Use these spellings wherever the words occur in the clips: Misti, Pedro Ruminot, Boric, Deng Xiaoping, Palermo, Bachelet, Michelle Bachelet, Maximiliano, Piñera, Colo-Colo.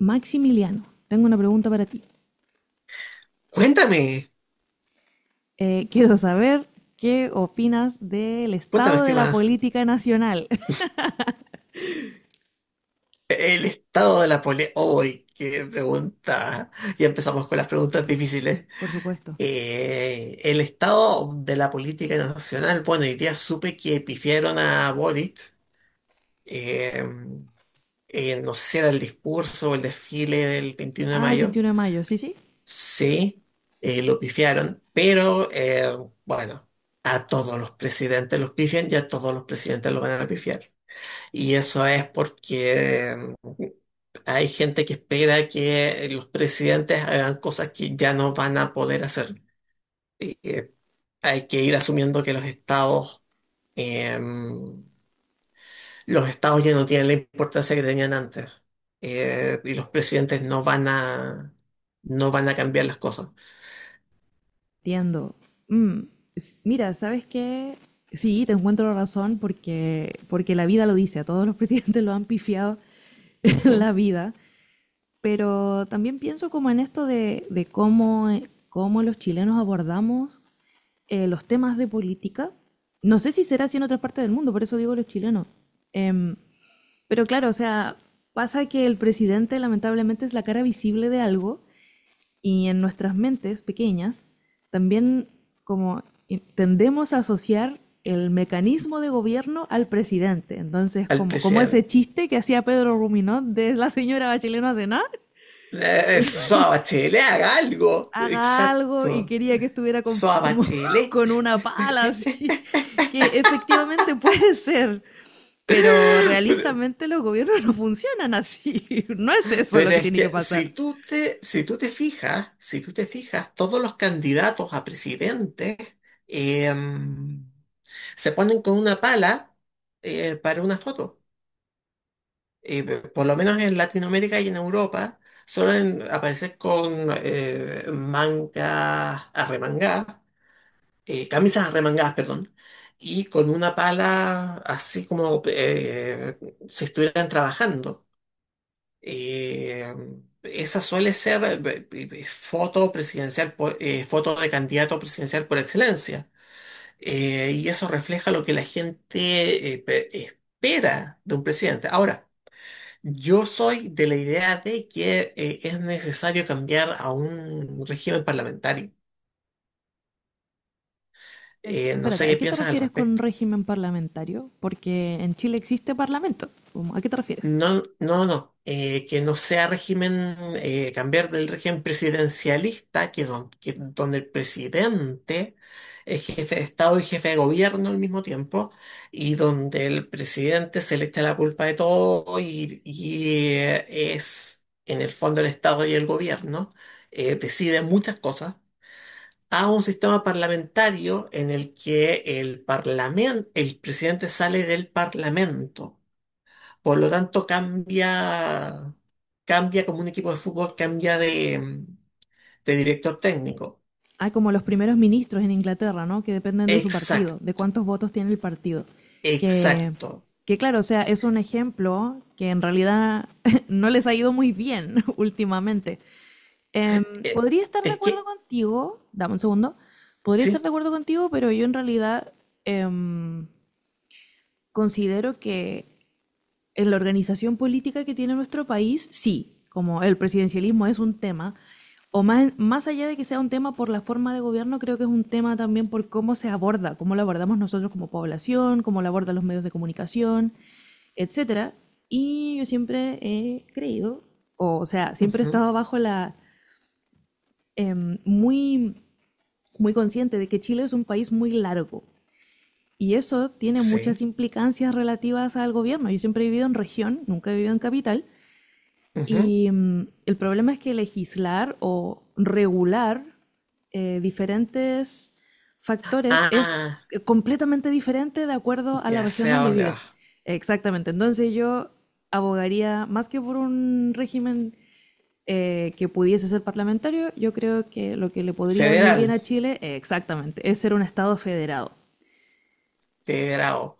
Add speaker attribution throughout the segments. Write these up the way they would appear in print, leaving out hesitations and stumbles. Speaker 1: Maximiliano, tengo una pregunta para ti.
Speaker 2: Cuéntame,
Speaker 1: Quiero saber qué opinas del
Speaker 2: cuéntame,
Speaker 1: estado de la
Speaker 2: estimada.
Speaker 1: política nacional.
Speaker 2: El estado de la política. ¡Uy, qué pregunta! Ya empezamos con las preguntas difíciles.
Speaker 1: Por supuesto.
Speaker 2: El estado de la política nacional. Bueno, hoy día supe que pifiaron a Boric. eh, no sé si era el discurso o el desfile del 21 de
Speaker 1: Ah, el
Speaker 2: mayo.
Speaker 1: 21 de mayo, sí, sí.
Speaker 2: Sí, lo pifiaron. Pero, bueno, a todos los presidentes los pifian y a todos los presidentes los van a pifiar. Y eso es porque hay gente que espera que los presidentes hagan cosas que ya no van a poder hacer. Y, hay que ir asumiendo que eh, mm, los estados ya no tienen la importancia que tenían antes. Y los presidentes no van a cambiar las cosas.
Speaker 1: Entiendo. Mm, mira, ¿sabes qué? Sí, te encuentro la razón porque la vida lo dice, a todos los presidentes lo han pifiado en
Speaker 2: Ujú.
Speaker 1: la vida, pero también pienso como en esto de cómo, cómo los chilenos abordamos los temas de política, no sé si será así en otras partes del mundo, por eso digo los chilenos. Em, pero claro, o sea, pasa que el presidente lamentablemente es la cara visible de algo y en nuestras mentes pequeñas también como tendemos a asociar el mecanismo de gobierno al presidente. Entonces,
Speaker 2: Al
Speaker 1: como ese
Speaker 2: presidente.
Speaker 1: chiste que hacía Pedro Ruminot de la señora Bachelet no hace nada,
Speaker 2: Soa Bachelet, haga algo.
Speaker 1: haga algo y
Speaker 2: Exacto.
Speaker 1: quería que estuviera con,
Speaker 2: Soa
Speaker 1: como
Speaker 2: Bachelet.
Speaker 1: con una pala, así, que efectivamente puede ser, pero
Speaker 2: Pero,
Speaker 1: realistamente los gobiernos no funcionan así, no es eso lo
Speaker 2: Pero
Speaker 1: que
Speaker 2: es
Speaker 1: tiene que
Speaker 2: que
Speaker 1: pasar.
Speaker 2: si tú te fijas, todos los candidatos a presidente, em, se ponen con una pala, para una foto. Eh, por lo menos en Latinoamérica y en Europa suelen aparecer con mangas arremangadas, camisas arremangadas, perdón, y con una pala así como, si estuvieran trabajando. Eh, Esa suele ser, foto presidencial, foto de candidato presidencial por excelencia. Y eso refleja lo que la gente espera de un presidente. Ahora, yo soy de la idea de que es necesario cambiar a un régimen parlamentario. No
Speaker 1: Espérate,
Speaker 2: sé
Speaker 1: ¿a
Speaker 2: qué
Speaker 1: qué te
Speaker 2: piensas al
Speaker 1: refieres con
Speaker 2: respecto.
Speaker 1: régimen parlamentario? Porque en Chile existe parlamento. ¿A qué te refieres?
Speaker 2: No, no, no. Que no sea régimen, cambiar del régimen presidencialista, donde el presidente es jefe de Estado y jefe de gobierno al mismo tiempo, y donde el presidente se le echa la culpa de todo y es, en el fondo, el Estado y el gobierno, deciden muchas cosas, a un sistema parlamentario en el que el presidente sale del parlamento. Por lo tanto, cambia como un equipo de fútbol, cambia de director técnico.
Speaker 1: Hay como los primeros ministros en Inglaterra, ¿no? Que dependen de su partido, de
Speaker 2: Exacto,
Speaker 1: cuántos votos tiene el partido. Que,
Speaker 2: exacto.
Speaker 1: que claro, o sea, es un ejemplo que en realidad no les ha ido muy bien últimamente.
Speaker 2: Eh,
Speaker 1: Podría estar de
Speaker 2: es
Speaker 1: acuerdo
Speaker 2: que,
Speaker 1: contigo, dame un segundo, podría estar
Speaker 2: sí,
Speaker 1: de acuerdo contigo, pero yo en realidad em, considero que en la organización política que tiene nuestro país, sí, como el presidencialismo es un tema, o más allá de que sea un tema por la forma de gobierno, creo que es un tema también por cómo se aborda, cómo lo abordamos nosotros como población, cómo lo abordan los medios de comunicación, etcétera. Y yo siempre he creído, o sea, siempre he
Speaker 2: ujú,
Speaker 1: estado bajo la eh, muy muy consciente de que Chile es un país muy largo y eso tiene
Speaker 2: sí.
Speaker 1: muchas implicancias relativas al gobierno. Yo siempre he vivido en región, nunca he vivido en capital.
Speaker 2: Ujú.
Speaker 1: Y mm, el problema es que legislar o regular diferentes factores es
Speaker 2: Ah,
Speaker 1: completamente diferente de acuerdo a la
Speaker 2: ya
Speaker 1: región
Speaker 2: sé a
Speaker 1: donde
Speaker 2: dónde vas.
Speaker 1: vives. Exactamente. Entonces yo abogaría más que por un régimen que pudiese ser parlamentario, yo creo que lo que le podría venir bien
Speaker 2: Federal,
Speaker 1: a Chile, exactamente, es ser un Estado federado.
Speaker 2: federado.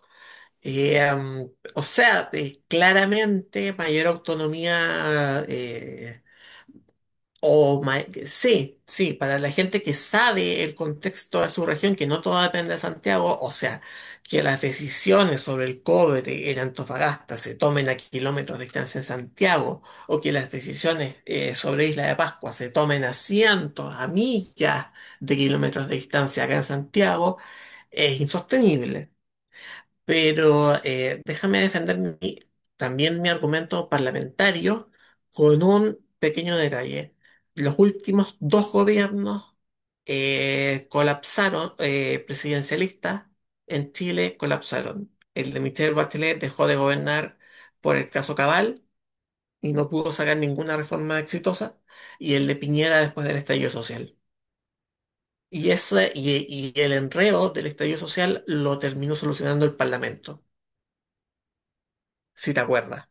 Speaker 2: Eh, um, o sea, claramente mayor autonomía. O ma- sí, sí, para la gente que sabe el contexto de su región, que no todo depende de Santiago, o sea, que las decisiones sobre el cobre en Antofagasta se tomen a kilómetros de distancia en Santiago, o que las decisiones, sobre Isla de Pascua se tomen a cientos, a millas de kilómetros de distancia acá en Santiago, es insostenible. Pero, déjame defender también mi argumento parlamentario con un pequeño detalle. Los últimos dos gobiernos, colapsaron, presidencialistas en Chile colapsaron. El de Michelle Bachelet dejó de gobernar por el caso Cabal y no pudo sacar ninguna reforma exitosa, y el de Piñera después del estallido social. Y el enredo del estallido social lo terminó solucionando el Parlamento, si te acuerdas.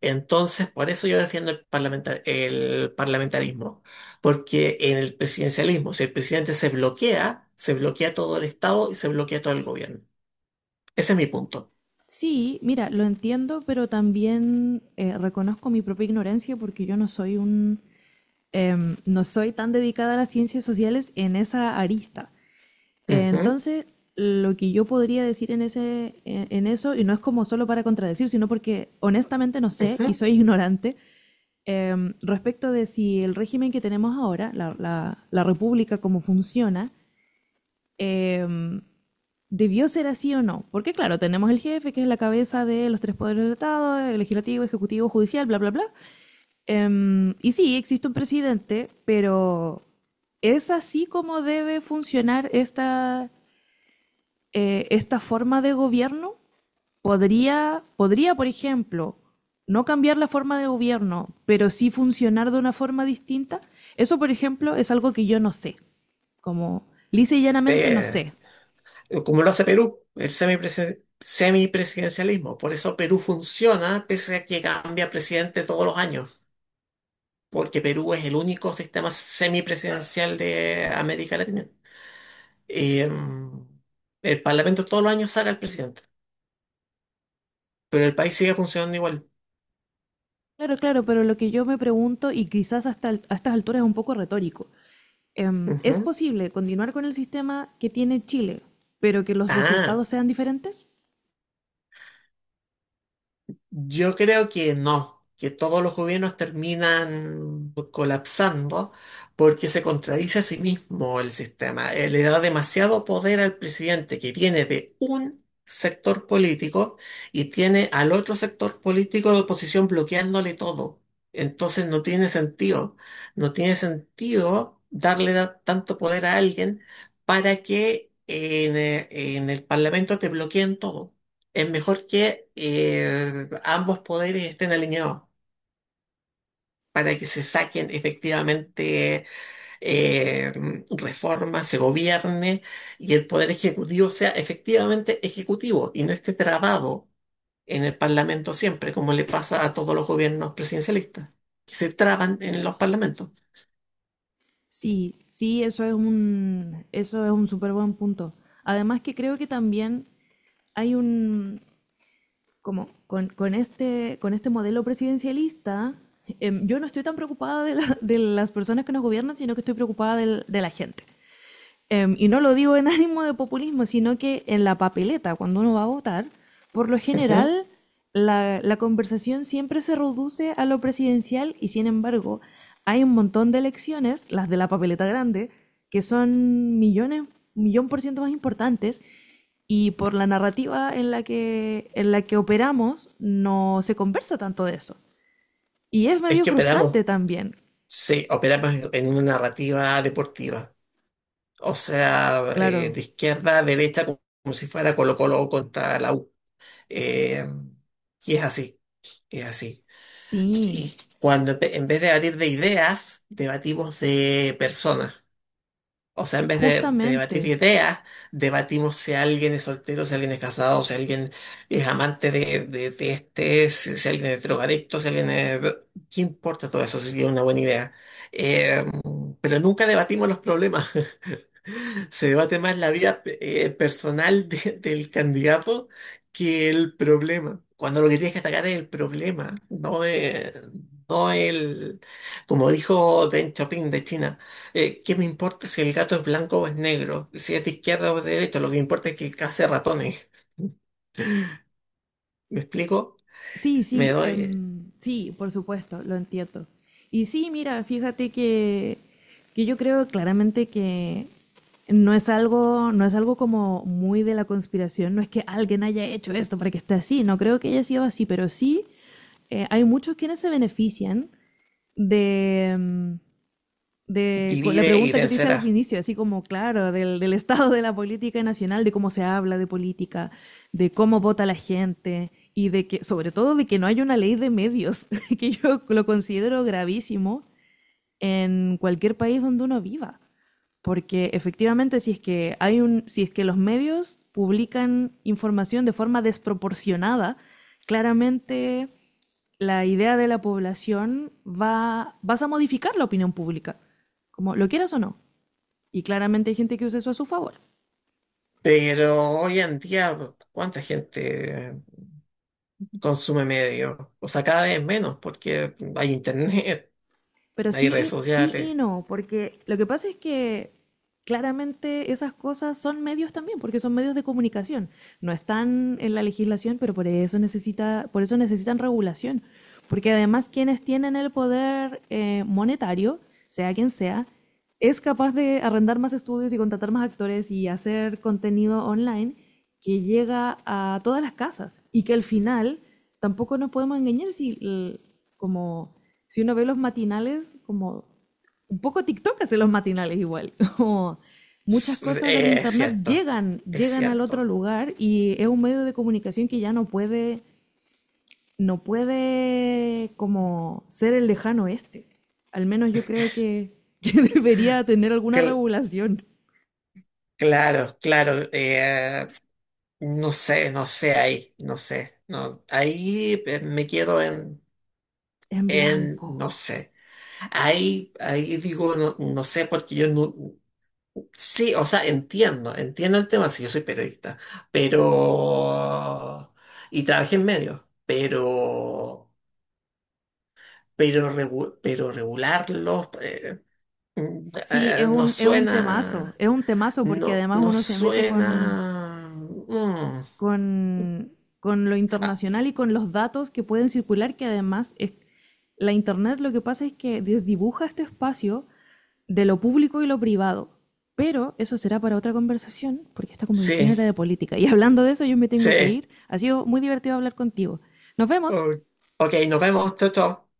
Speaker 2: Entonces, por eso yo defiendo el parlamentarismo, porque en el presidencialismo, si el presidente se bloquea todo el Estado y se bloquea todo el gobierno. Ese es mi punto.
Speaker 1: Sí, mira, lo entiendo, pero también reconozco mi propia ignorancia porque yo no soy un, em, no soy tan dedicada a las ciencias sociales en esa arista. Eh,
Speaker 2: Ujú,
Speaker 1: entonces, lo que yo podría decir en en eso, y no es como solo para contradecir, sino porque honestamente no sé y
Speaker 2: ujú.
Speaker 1: soy ignorante, respecto de si el régimen que tenemos ahora, la república, cómo funciona. Em, ¿Debió ser así o no? Porque claro, tenemos el jefe, que es la cabeza de los tres poderes del Estado, el legislativo, ejecutivo, judicial, bla, bla, bla. Y sí, existe un presidente, pero ¿es así como debe funcionar esta, esta forma de gobierno? ¿Podría, por ejemplo, no cambiar la forma de gobierno, pero sí funcionar de una forma distinta? Eso, por ejemplo, es algo que yo no sé. Como lisa y llanamente no
Speaker 2: Eh,
Speaker 1: sé.
Speaker 2: Como lo hace Perú, semipresidencialismo. Por eso Perú funciona, pese a que cambia presidente todos los años, porque Perú es el único sistema semipresidencial de América Latina. Y, el Parlamento todos los años saca al presidente. Pero el país sigue funcionando igual.
Speaker 1: Claro, claro, pero lo que yo me pregunto, y quizás hasta a estas alturas es un poco retórico, ¿es
Speaker 2: Ujú.
Speaker 1: posible continuar con el sistema que tiene Chile, pero que los
Speaker 2: Ah,
Speaker 1: resultados sean diferentes?
Speaker 2: yo creo que no, que todos los gobiernos terminan colapsando porque se contradice a sí mismo el sistema. Le da demasiado poder al presidente que viene de un sector político y tiene al otro sector político de oposición bloqueándole todo. Entonces no tiene sentido, no tiene sentido darle tanto poder a alguien para que en el Parlamento te bloqueen todo. Es mejor que, ambos poderes estén alineados para que se saquen efectivamente, eh, reformas, se gobierne y el poder ejecutivo sea efectivamente ejecutivo y no esté trabado en el Parlamento siempre, como le pasa a todos los gobiernos presidencialistas, que se traban en los parlamentos.
Speaker 1: Sí, sí, eso es un súper buen punto. Además que creo que también hay un, como con este modelo presidencialista, yo no estoy tan preocupada de las personas que nos gobiernan, sino que estoy preocupada de la gente. Y no lo digo en ánimo de populismo, sino que en la papeleta, cuando uno va a votar, por lo
Speaker 2: Ujú.
Speaker 1: general la conversación siempre se reduce a lo presidencial y sin embargo hay un montón de elecciones, las de la papeleta grande, que son millones, millón por ciento más importantes y por la narrativa en la que operamos no se conversa tanto de eso. Y es
Speaker 2: Es
Speaker 1: medio
Speaker 2: que operamos,
Speaker 1: frustrante también.
Speaker 2: sí, operamos en una narrativa deportiva, o sea,
Speaker 1: Claro.
Speaker 2: de izquierda a derecha como si fuera Colo-Colo contra la U. Eh, y es así, es así.
Speaker 1: Sí,
Speaker 2: Y cuando en vez de debatir de ideas, debatimos de personas. O sea, en vez de debatir
Speaker 1: justamente.
Speaker 2: ideas, debatimos si alguien es soltero, si alguien es casado, si alguien es amante de este, si alguien es drogadicto, si alguien es... ¿Qué importa todo eso si es una buena idea? Eh, pero nunca debatimos los problemas. Se debate más la vida, personal del candidato que el problema. Cuando lo que tienes que atacar es el problema, no, no el, como dijo Deng Xiaoping de China, ¿qué me importa si el gato es blanco o es negro? Si es de izquierda o de derecha, lo que importa es que case ratones. ¿Me explico?
Speaker 1: Sí,
Speaker 2: Me
Speaker 1: sí,
Speaker 2: doy,
Speaker 1: em, sí, por supuesto, lo entiendo. Y sí, mira, que yo creo claramente que no es algo, no es algo como muy de la conspiración, no es que alguien haya hecho esto para que esté así, no creo que haya sido así, pero sí hay muchos quienes se benefician de, em, de con la
Speaker 2: divide y
Speaker 1: pregunta que te hice al
Speaker 2: vencerás.
Speaker 1: inicio, así como, claro, del estado de la política nacional, de cómo se habla de política, de cómo vota la gente y de que, sobre todo, de que no hay una ley de medios, que yo lo considero gravísimo en cualquier país donde uno viva. Porque efectivamente, si es que hay un, si es que los medios publican información de forma desproporcionada, claramente la idea de la población vas a modificar la opinión pública, como lo quieras o no. Y claramente hay gente que usa eso a su favor.
Speaker 2: Pero hoy en día, ¿cuánta gente consume medios? O sea, cada vez menos porque hay internet.
Speaker 1: Pero
Speaker 2: Hay redes
Speaker 1: sí y
Speaker 2: sociales.
Speaker 1: no, porque lo que pasa es que claramente esas cosas son medios también, porque son medios de comunicación. No están en la legislación, pero por eso, por eso necesitan regulación. Porque además quienes tienen el poder monetario, sea quien sea, es capaz de arrendar más estudios y contratar más actores y hacer contenido online que llega a todas las casas y que al final tampoco nos podemos engañar si como si uno ve los matinales como un poco TikTok hace los matinales igual como muchas cosas del
Speaker 2: Es
Speaker 1: internet
Speaker 2: cierto, es
Speaker 1: llegan al otro
Speaker 2: cierto.
Speaker 1: lugar y es un medio de comunicación que ya no puede no puede como ser el lejano oeste. Al menos yo creo que debería tener alguna
Speaker 2: Cl-
Speaker 1: regulación.
Speaker 2: claro, claro. No sé, no sé ahí, no sé. No, ahí me quedo en,
Speaker 1: En blanco.
Speaker 2: no sé. Ahí digo, no, no sé, porque yo no... Sí, o sea, entiendo, entiendo el tema, si yo soy periodista, pero... Y trabajé en medios, pero... Pero regularlos...
Speaker 1: Sí,
Speaker 2: Nos suena,
Speaker 1: es un temazo porque
Speaker 2: no,
Speaker 1: además
Speaker 2: nos
Speaker 1: uno se mete
Speaker 2: suena. Mm,
Speaker 1: con, con lo internacional y con los datos que pueden circular, que además es, la Internet lo que pasa es que desdibuja este espacio de lo público y lo privado. Pero eso será para otra conversación, porque esta conversación
Speaker 2: sí,
Speaker 1: era de política. Y hablando de eso, yo me tengo que
Speaker 2: sí.
Speaker 1: ir. Ha sido muy divertido hablar contigo. Nos vemos.
Speaker 2: Oh, ok, nos vemos, chao, chao.